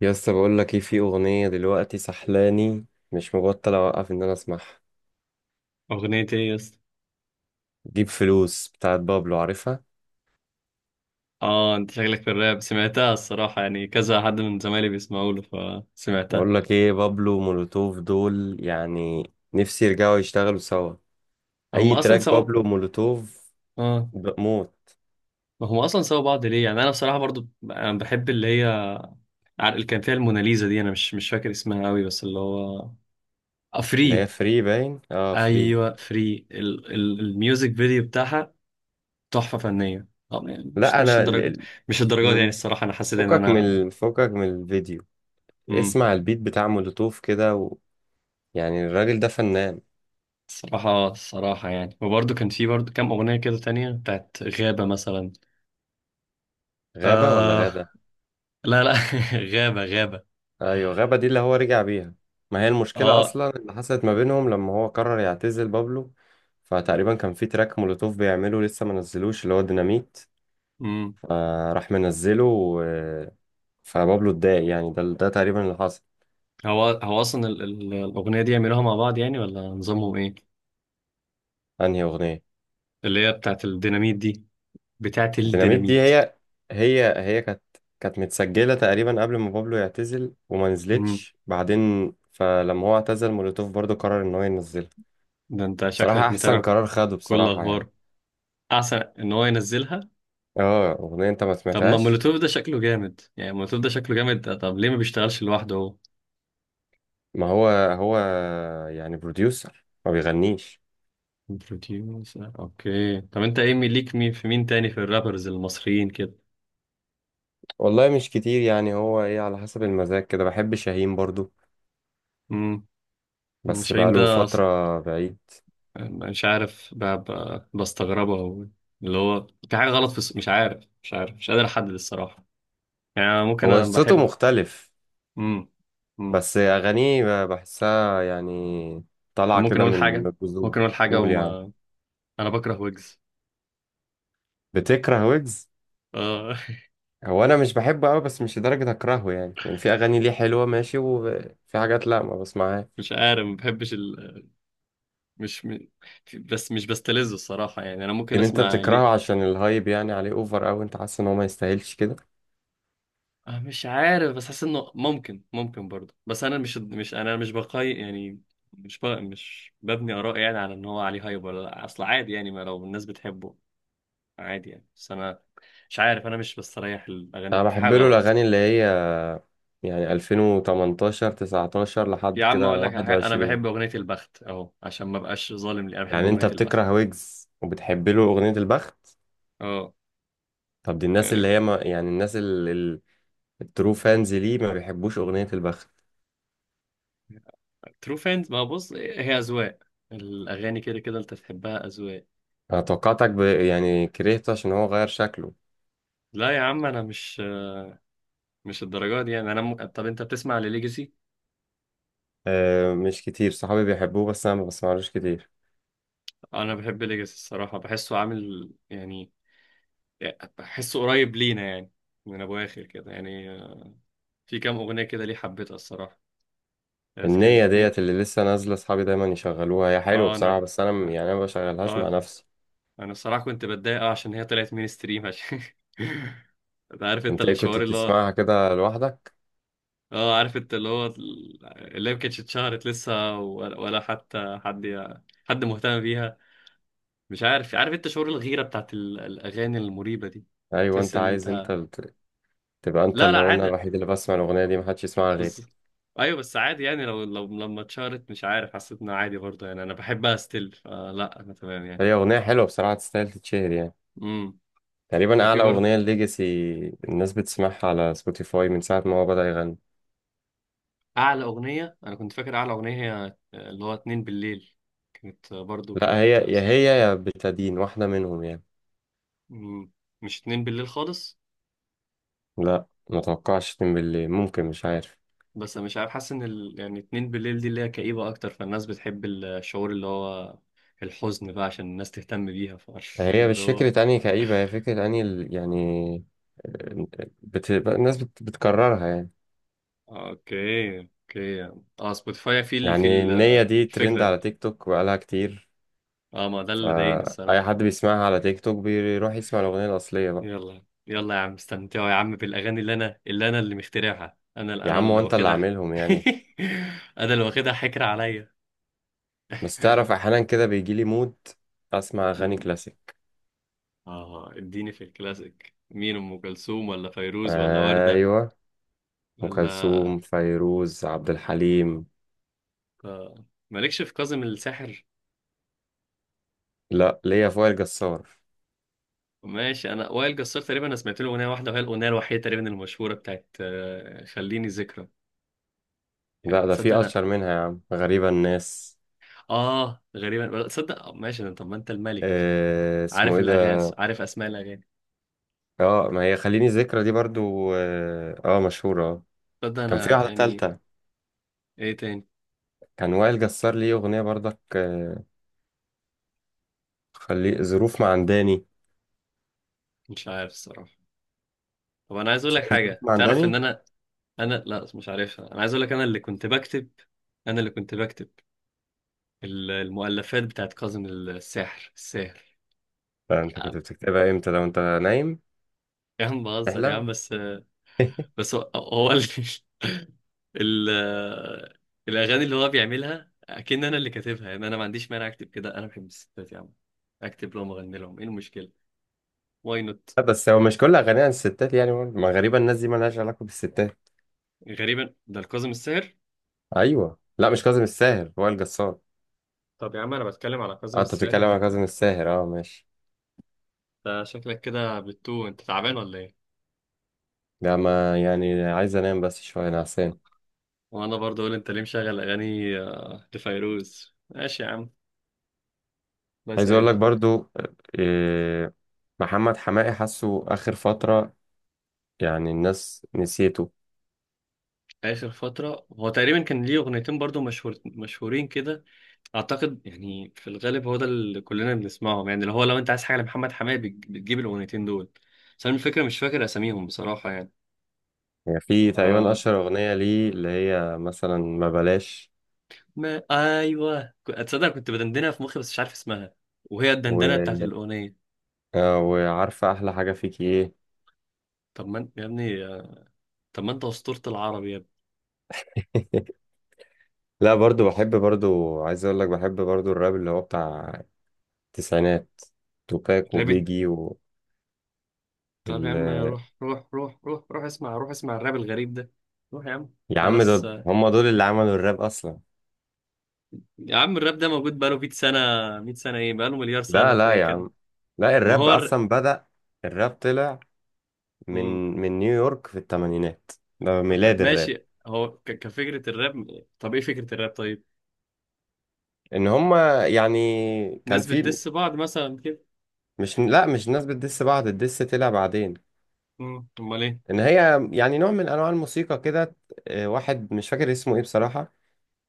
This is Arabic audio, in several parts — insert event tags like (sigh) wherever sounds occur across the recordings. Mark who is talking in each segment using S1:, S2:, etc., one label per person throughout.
S1: يا اسطى، بقول لك ايه؟ في اغنيه دلوقتي سحلاني، مش مبطل اوقف ان انا اسمعها.
S2: أغنية إيه يا اسطى؟
S1: جيب فلوس بتاعت بابلو، عارفها؟
S2: آه، أنت شكلك في الراب سمعتها الصراحة، يعني كذا حد من زمايلي بيسمعوا له فسمعتها.
S1: بقول لك ايه، بابلو مولوتوف دول، يعني نفسي يرجعوا يشتغلوا سوا.
S2: هم
S1: اي
S2: أصلا
S1: تراك
S2: سوا.
S1: بابلو مولوتوف
S2: آه،
S1: بموت.
S2: ما هم أصلا سوا بعض ليه يعني؟ أنا بصراحة برضو أنا بحب اللي هي، اللي كان فيها الموناليزا دي، أنا مش فاكر اسمها أوي، بس اللي هو آه
S1: اللي
S2: فري.
S1: هي فري، باين فري.
S2: أيوه فري الميوزك فيديو بتاعها تحفة فنية. آه يعني مش
S1: لا،
S2: مش
S1: انا
S2: لدرجة، مش الدرجة دي يعني.
S1: ال-
S2: الصراحة أنا حسيت إن أنا
S1: فكك من الفيديو.
S2: مم.
S1: اسمع البيت بتاع مولوتوف كده و... يعني الراجل ده فنان.
S2: الصراحة الصراحة يعني، وبرضه كان في برضه كام أغنية كده تانية بتاعت غابة مثلا.
S1: غابة ولا
S2: آه،
S1: غادة؟
S2: لا لا، (laughs) غابة غابة.
S1: ايوه، غابة دي اللي هو رجع بيها. ما هي المشكلة
S2: اه.
S1: اصلا اللي حصلت ما بينهم لما هو قرر يعتزل بابلو، فتقريبا كان في تراك مولوتوف بيعمله لسه ما نزلوش، اللي هو ديناميت.
S2: امم
S1: فراح منزله و... فبابلو اتضايق، يعني ده تقريبا اللي حصل.
S2: هو اصلا الاغنية دي يعملوها مع بعض يعني، ولا نظامهم ايه؟
S1: انهي اغنية؟
S2: اللي هي بتاعت الديناميت دي، بتاعت
S1: ديناميت دي
S2: الديناميت.
S1: هي. هي كانت متسجلة تقريبا قبل ما بابلو يعتزل وما
S2: امم
S1: نزلتش، بعدين فلما هو اعتزل مولوتوف برضو قرر ان هو ينزلها.
S2: ده انت
S1: بصراحة
S2: شكلك
S1: احسن
S2: متابع
S1: قرار خده،
S2: كل
S1: بصراحة يعني.
S2: اخبار. احسن ان هو ينزلها.
S1: اه، اغنية انت ما
S2: طب ما
S1: سمعتهاش.
S2: مولوتوف ده شكله جامد يعني، مولوتوف ده شكله جامد ده، طب ليه ما بيشتغلش لوحده هو؟
S1: ما هو يعني بروديوسر، ما بيغنيش.
S2: بروديوسر اوكي. طب انت ايه ليك مين، في مين تاني في الرابرز المصريين كده؟
S1: والله مش كتير، يعني هو ايه، على حسب المزاج كده. بحب شاهين برضو،
S2: امم
S1: بس
S2: شاهين ده
S1: بقاله فترة بعيد.
S2: مش عارف بستغربها أوي. اللي هو في حاجة غلط في مش عارف مش قادر أحدد الصراحة. يعني أنا ممكن،
S1: هو
S2: أنا
S1: صوته
S2: بحب.
S1: مختلف،
S2: مم. مم.
S1: بس أغانيه بحسها يعني
S2: طب
S1: طالعة
S2: ممكن
S1: كده
S2: أقول
S1: من
S2: حاجة،
S1: الجذور.
S2: ممكن أقول حاجة
S1: قول يعني.
S2: وما أنا بكره ويجز.
S1: بتكره ويجز.
S2: آه (laughs)
S1: هو أنا مش بحبه أوي، بس مش لدرجة أكرهه يعني في أغاني ليه حلوة ماشي، وفي حاجات لأ ما بسمعها.
S2: مش عارف ما بحبش مش م... بس مش بستلذه الصراحة يعني، أنا ممكن
S1: لكن أنت
S2: أسمع
S1: بتكرهه
S2: ليه.
S1: عشان الهايب يعني عليه أوفر أوي، أنت حاسس إن هو ما يستاهلش كده.
S2: آه مش عارف بس حاسس إنه ممكن برضه، بس أنا مش بقي يعني، مش ببني آراء يعني على إن هو عليه هايب ولا لأ. أصل عادي يعني، ما لو الناس بتحبه عادي يعني. بس انا مش عارف انا مش بستريح
S1: انا
S2: الاغاني، في
S1: بحب
S2: حاجه
S1: له
S2: غلط.
S1: الاغاني اللي هي يعني 2018، 19، لحد
S2: يا عم اقول
S1: كده
S2: لك على حاجه، انا
S1: 21.
S2: بحب اغنيه البخت اهو، عشان ما بقاش ظالم لي، انا بحب
S1: يعني انت
S2: اغنيه البخت.
S1: بتكره ويجز وبتحب له اغنية البخت؟
S2: اه.
S1: طب دي الناس
S2: يعني
S1: اللي هي، ما يعني الناس الترو فانز، ليه ما بيحبوش اغنية البخت؟
S2: ترو فانز، ما بص هي اذواق، الاغاني كده كده انت تحبها اذواق.
S1: انا توقعتك يعني كرهته عشان هو غير شكله.
S2: لا يا عم انا مش، مش الدرجات دي يعني. انا طب انت بتسمع لليجاسي؟
S1: أه، مش كتير، صحابي بيحبوه بس انا ما بسمعلوش كتير.
S2: انا بحب ليجاسي الصراحه، بحسه عامل يعني بحسه قريب لينا يعني، من ابو اخر كده يعني. في كام اغنيه كده ليه حبيتها الصراحه، بس كانت
S1: النية
S2: اتنين.
S1: ديت اللي لسه نازلة صحابي دايما يشغلوها، هي حلوة
S2: اه
S1: بصراحة،
S2: انا.
S1: بس انا يعني انا ما بشغلهاش مع
S2: اه.
S1: نفسي.
S2: انا الصراحه كنت بتضايق اه، عشان هي طلعت مين ستريم. عشان (laughs) انت عارف انت
S1: انت ايه، كنت
S2: الشعور اللي هو،
S1: بتسمعها كده لوحدك؟
S2: اه عارف انت اللي هو، اللي هي ما كانتش اتشهرت لسه، ولا حتى حد مهتم بيها. مش عارف، عارف انت شعور الغيره بتاعت الاغاني المريبه دي.
S1: ايوه،
S2: تحس
S1: انت
S2: ان
S1: عايز انت
S2: انت،
S1: تبقى انت
S2: لا لا
S1: اللي هو، انا
S2: عادي.
S1: الوحيد اللي بسمع الاغنيه دي، محدش يسمعها غيري.
S2: بز... ايوه بس عادي يعني، لو لما اتشهرت مش عارف حسيت انها عادي برضه يعني، انا بحبها ستيل، فلا انا تمام يعني.
S1: هي اغنيه حلوه بصراحه، تستاهل تتشهر يعني.
S2: امم
S1: تقريبا
S2: وفي
S1: اعلى
S2: برضه
S1: اغنيه الليجاسي، الناس بتسمعها على سبوتيفاي من ساعه ما هو بدأ يغني.
S2: اعلى اغنيه، انا كنت فاكر اعلى اغنيه هي آه، اللي هو اتنين بالليل، كانت برضو
S1: لا،
S2: كانت
S1: هي يا هي يا بتدين واحده منهم يعني.
S2: مم، مش اتنين بالليل خالص.
S1: لا، ما اتوقعش تم بالليل، ممكن، مش عارف.
S2: بس أنا مش عارف، حاسس ان يعني اتنين بالليل دي اللي هي كئيبه اكتر، فالناس بتحب الشعور اللي هو الحزن بقى عشان الناس تهتم بيها. ف (laughs)
S1: هي
S2: ده
S1: مش
S2: هو.
S1: فكره اني كئيبه، هي فكره اني يعني الناس بتكررها يعني.
S2: اوكي اوكي. اه سبوتيفاي في
S1: يعني النية
S2: آه،
S1: دي
S2: الفكره
S1: ترند
S2: دي.
S1: على تيك توك بقالها كتير،
S2: اه، ما ده اللي ضايقني
S1: فأي
S2: الصراحه.
S1: حد بيسمعها على تيك توك بيروح يسمع الأغنية الأصلية بقى.
S2: يلا يلا يا عم استمتعوا يا عم بالاغاني، اللي انا اللي مخترعها، انا اللي
S1: يا
S2: انا
S1: عم،
S2: اللي
S1: وانت اللي
S2: واخدها.
S1: عاملهم يعني.
S2: (laughs) انا اللي واخدها حكر عليا.
S1: بس تعرف، احيانا كده بيجيلي مود اسمع اغاني
S2: مم.
S1: كلاسيك.
S2: اه اديني في الكلاسيك، مين؟ ام كلثوم ولا فيروز ولا وردة
S1: ايوه، ام
S2: ولا؟
S1: كلثوم، فيروز، عبد الحليم.
S2: آه. مالكش في كاظم الساحر؟
S1: لا، ليا في وائل جسار.
S2: ماشي. انا وائل جسار تقريبا انا سمعت له اغنيه واحده، وهي الاغنيه الوحيده تقريبا المشهوره بتاعت آه، خليني ذكرى
S1: لا،
S2: يعني.
S1: ده
S2: صدق
S1: في
S2: انا.
S1: اشهر منها يا عم، غريبة الناس.
S2: اه غريبا صدق. آه، ماشي طب ما انت الملك،
S1: آه، اسمه
S2: عارف
S1: ايه ده؟
S2: الاغاس، عارف اسماء الاغاني.
S1: اه، ما هي خليني ذكرى دي برضو مشهورة.
S2: صدق
S1: كان في
S2: انا
S1: واحدة
S2: يعني.
S1: تالتة،
S2: ايه تاني؟
S1: كان وائل جسار ليه اغنية برضك خلي ظروف معنداني.
S2: مش عارف الصراحة. طب انا عايز اقول
S1: مش
S2: لك
S1: عارف، ظروف
S2: حاجة، تعرف ان
S1: معنداني.
S2: انا، انا لا مش عارفها. انا عايز اقول لك، انا اللي كنت بكتب المؤلفات بتاعت كاظم الساحر الساحر.
S1: لا، انت كنت بتكتبها امتى؟ لو انت نايم
S2: يا عم بهزر يا عم
S1: تحلم.
S2: بس.
S1: (laughs)
S2: بس هو هو (laughs) ال... الاغاني اللي هو بيعملها اكن انا اللي كاتبها يعني. انا ما عنديش مانع اكتب كده، انا بحب الستات يا عم، اكتب لهم اغني لهم، ايه المشكلة؟ واي نوت.
S1: لا، بس هو مش كل اغانيه عن الستات يعني برضه. ما غريبه، الناس دي مالهاش علاقه بالستات.
S2: غريبا ده الكاظم الساحر.
S1: ايوه، لا مش كاظم الساهر، وائل جسار.
S2: طب يا عم انا بتكلم على كاظم
S1: اه، انت
S2: الساحر.
S1: بتتكلم عن كاظم الساهر، اه ماشي.
S2: انت شكلك كده بتو، انت تعبان ولا ايه؟
S1: لا، ما يعني، عايز انام بس شويه نعسان.
S2: وانا برضه اقول انت ليه مشغل اغاني آه، لفيروز. ماشي يا عم، الله
S1: عايز اقول لك
S2: يسهل.
S1: برضو إيه. محمد حماقي حاسه اخر فتره، يعني الناس نسيته.
S2: اخر فتره هو تقريبا كان ليه اغنيتين برضه مشهور مشهورين كده، اعتقد يعني في الغالب هو ده اللي كلنا بنسمعهم يعني. اللي هو لو انت عايز حاجه لمحمد حماقي بتجيب الاغنيتين دول. بس انا الفكره مش فاكر اساميهم بصراحه يعني.
S1: يعني في تقريبا
S2: آه.
S1: اشهر اغنيه ليه اللي هي مثلا ما بلاش
S2: ما ايوه اتصدق كنت بدندنها في مخي، بس مش عارف اسمها وهي
S1: و...
S2: الدندنه بتاعت الاغنيه.
S1: وعارفه احلى حاجه فيكي ايه.
S2: طب ما انت- يا ابني آه، طب ما انت اسطوره العرب يا
S1: (laughs) لا، برضو بحب، برضو عايز اقول لك، بحب برضو الراب اللي هو بتاع التسعينات. توباك
S2: ابني.
S1: وبيجي و...
S2: طب يا
S1: ال...
S2: عم، روح اسمع، روح اسمع الراب الغريب ده. روح يا عم.
S1: يا
S2: ده
S1: عم،
S2: ناس.
S1: دول هم دول اللي عملوا الراب اصلا.
S2: يا عم الراب ده موجود بقاله 100 سنة، 100 سنة ايه بقاله مليار سنة
S1: لا لا
S2: تلاقيه
S1: يا
S2: كان.
S1: عم، لا
S2: ما
S1: الراب
S2: هو
S1: اصلا بدأ، الراب طلع من
S2: مم.
S1: من نيويورك في الثمانينات. ده ميلاد الراب.
S2: ماشي هو كفكرة الراب، طب ايه فكرة الراب طيب؟
S1: ان هم يعني كان
S2: ناس
S1: في،
S2: بتدس بعض مثلا كده.
S1: مش لا مش الناس بتدس بعض، الدس طلع بعدين.
S2: مم. امال ايه؟
S1: ان هي يعني نوع من انواع الموسيقى كده. واحد مش فاكر اسمه ايه بصراحة.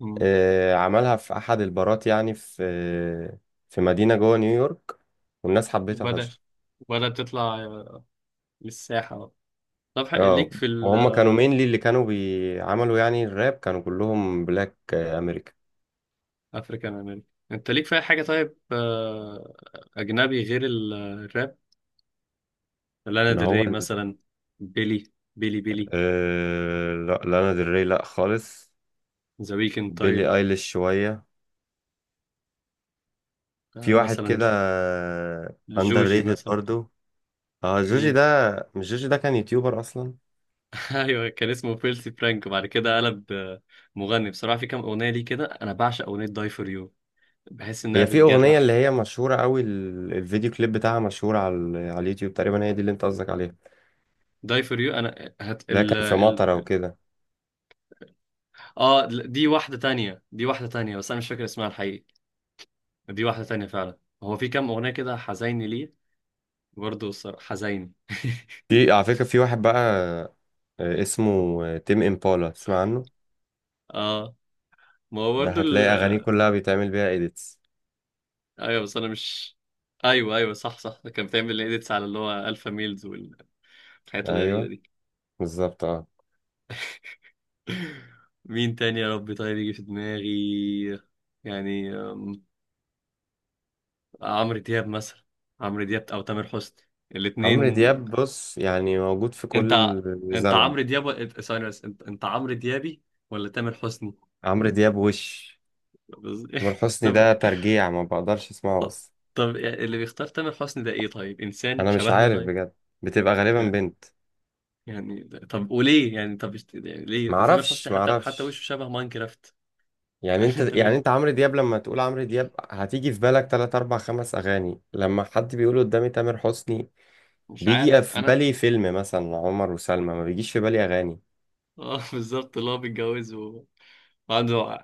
S2: مم.
S1: عملها في احد البارات يعني في في مدينة جوه نيويورك، والناس حبيتها
S2: وبدأ،
S1: فشخ.
S2: وبدأت تطلع للساحة بقى. طب
S1: اه،
S2: ليك في
S1: وهم كانوا مينلي اللي كانوا بيعملوا يعني الراب، كانوا كلهم بلاك امريكا.
S2: الافريكان امريكا. انت ليك في اي حاجة طيب آه، اجنبي غير الراب؟ لانا
S1: ان
S2: ديل
S1: هو
S2: ري
S1: ال-.
S2: مثلا، بيلي،
S1: آه، لا، لانا ديل ري لا خالص.
S2: ذا ويكند تايب،
S1: بيلي ايليش شويه.
S2: آه،
S1: في واحد
S2: مثلا
S1: كده اندر
S2: جوجي
S1: ريتد
S2: مثلا.
S1: برضو. اه، جوجي
S2: مين؟
S1: ده مش جوجي ده، كان يوتيوبر اصلا.
S2: (laughs) ايوه كان اسمه فيلسي فرانك، وبعد كده قلب آه، مغني بصراحه. في كام اغنيه ليه كده، انا بعشق اغنيه داي فور يو، بحس انها
S1: هي في اغنيه اللي
S2: بتجرح.
S1: هي مشهوره قوي، الفيديو كليب بتاعها مشهور على على اليوتيوب، تقريبا هي دي اللي انت قصدك عليها.
S2: داي فور يو، انا هت
S1: ده
S2: ال
S1: كان في
S2: ال،
S1: مطره وكده.
S2: اه دي واحده تانية بس انا مش فاكر اسمها الحقيقي. دي واحده تانية فعلا. هو في كام اغنيه كده حزيني ليه برضه الصراحة، حزيني (laughs)
S1: في على فكره، في واحد بقى اسمه تيم امبالا، تسمع عنه؟
S2: اه ما هو
S1: ده
S2: برضه.
S1: هتلاقي اغانيه كلها بيتعمل بيها اديتس.
S2: ايوه بس انا مش، ايوه صح، كان بتعمل اديتس على اللي هو الفا ميلز والحاجات الغريبه
S1: ايوه
S2: دي.
S1: بالظبط
S2: (laughs) مين تاني يا ربي طيب يجي في دماغي يعني عمرو دياب مثلا. عمرو دياب او تامر حسني،
S1: عمرو
S2: الاثنين.
S1: دياب، بص يعني موجود في
S2: انت
S1: كل
S2: انت
S1: زمن.
S2: عمرو دياب ثواني بس، انت عمرو ديابي ولا تامر حسني؟
S1: عمرو دياب وش
S2: بس-
S1: تامر حسني، ده
S2: (laughs)
S1: ترجيع ما بقدرش اسمعه
S2: طب،
S1: اصلا.
S2: طب يعني اللي بيختار تامر حسني ده ايه طيب، انسان
S1: انا مش
S2: شبهنا
S1: عارف
S2: طيب؟
S1: بجد، بتبقى غالبا بنت.
S2: يعني طب وليه يعني، طب يعني ليه ده سامر
S1: معرفش
S2: حسني؟ حتى
S1: معرفش،
S2: وشه شبه ماينكرافت. (laughs)
S1: يعني
S2: عارف
S1: انت
S2: انت
S1: يعني
S2: الوش،
S1: انت عمرو دياب، لما تقول عمرو دياب هتيجي في بالك 3، 4، 5 اغاني. لما حد بيقول قدامي تامر حسني
S2: مش
S1: بيجي
S2: عارف
S1: في
S2: انا.
S1: بالي فيلم مثلا عمر وسلمى، ما بيجيش في بالي اغاني.
S2: اه (laughs) بالظبط اللي هو بيتجوز وعنده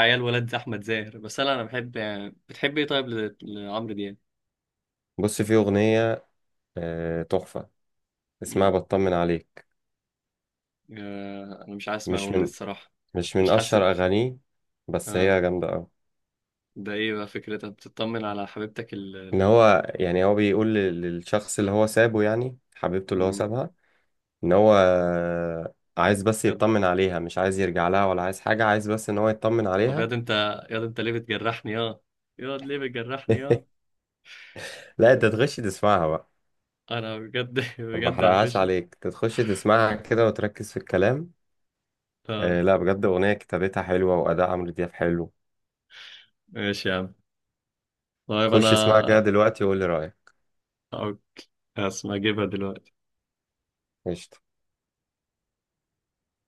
S2: عيال ولاد زي احمد زاهر. بس انا بحب يعني، بتحب ايه طيب لعمرو دياب؟
S1: بص، في اغنية تحفة، اسمها
S2: مم.
S1: بطمن عليك.
S2: آه، انا مش عايز اسمع
S1: مش
S2: الاغنيه دي
S1: من
S2: الصراحه،
S1: مش من
S2: مش حاسس.
S1: اشهر اغانيه، بس
S2: اه
S1: هي جامده قوي.
S2: ده ايه بقى فكرتها، بتطمن على حبيبتك
S1: ان هو يعني، هو بيقول للشخص اللي هو سابه، يعني حبيبته اللي هو
S2: مم.
S1: سابها، ان هو عايز بس
S2: ياض،
S1: يطمن عليها، مش عايز يرجع لها ولا عايز حاجه، عايز بس ان هو يطمن
S2: طب
S1: عليها.
S2: ياض انت، ياض انت ليه بتجرحني اه؟ ياض ليه بتجرحني
S1: (laughs)
S2: اه؟
S1: لا، انت
S2: ياض.
S1: تخش تسمعها بقى.
S2: انا بجد (laughs)
S1: ما
S2: بجد
S1: احرقهاش
S2: هخش.
S1: عليك، انت تخش تسمعها كده وتركز في الكلام.
S2: اه
S1: آه لا بجد، اغنيه كتابتها حلوه واداء عمرو دياب حلو.
S2: ماشي يا عم. طيب
S1: خش
S2: انا
S1: اسمعها كده دلوقتي وقول لي رايك.
S2: أو- هسمع اجيبها دلوقتي.
S1: قشطة.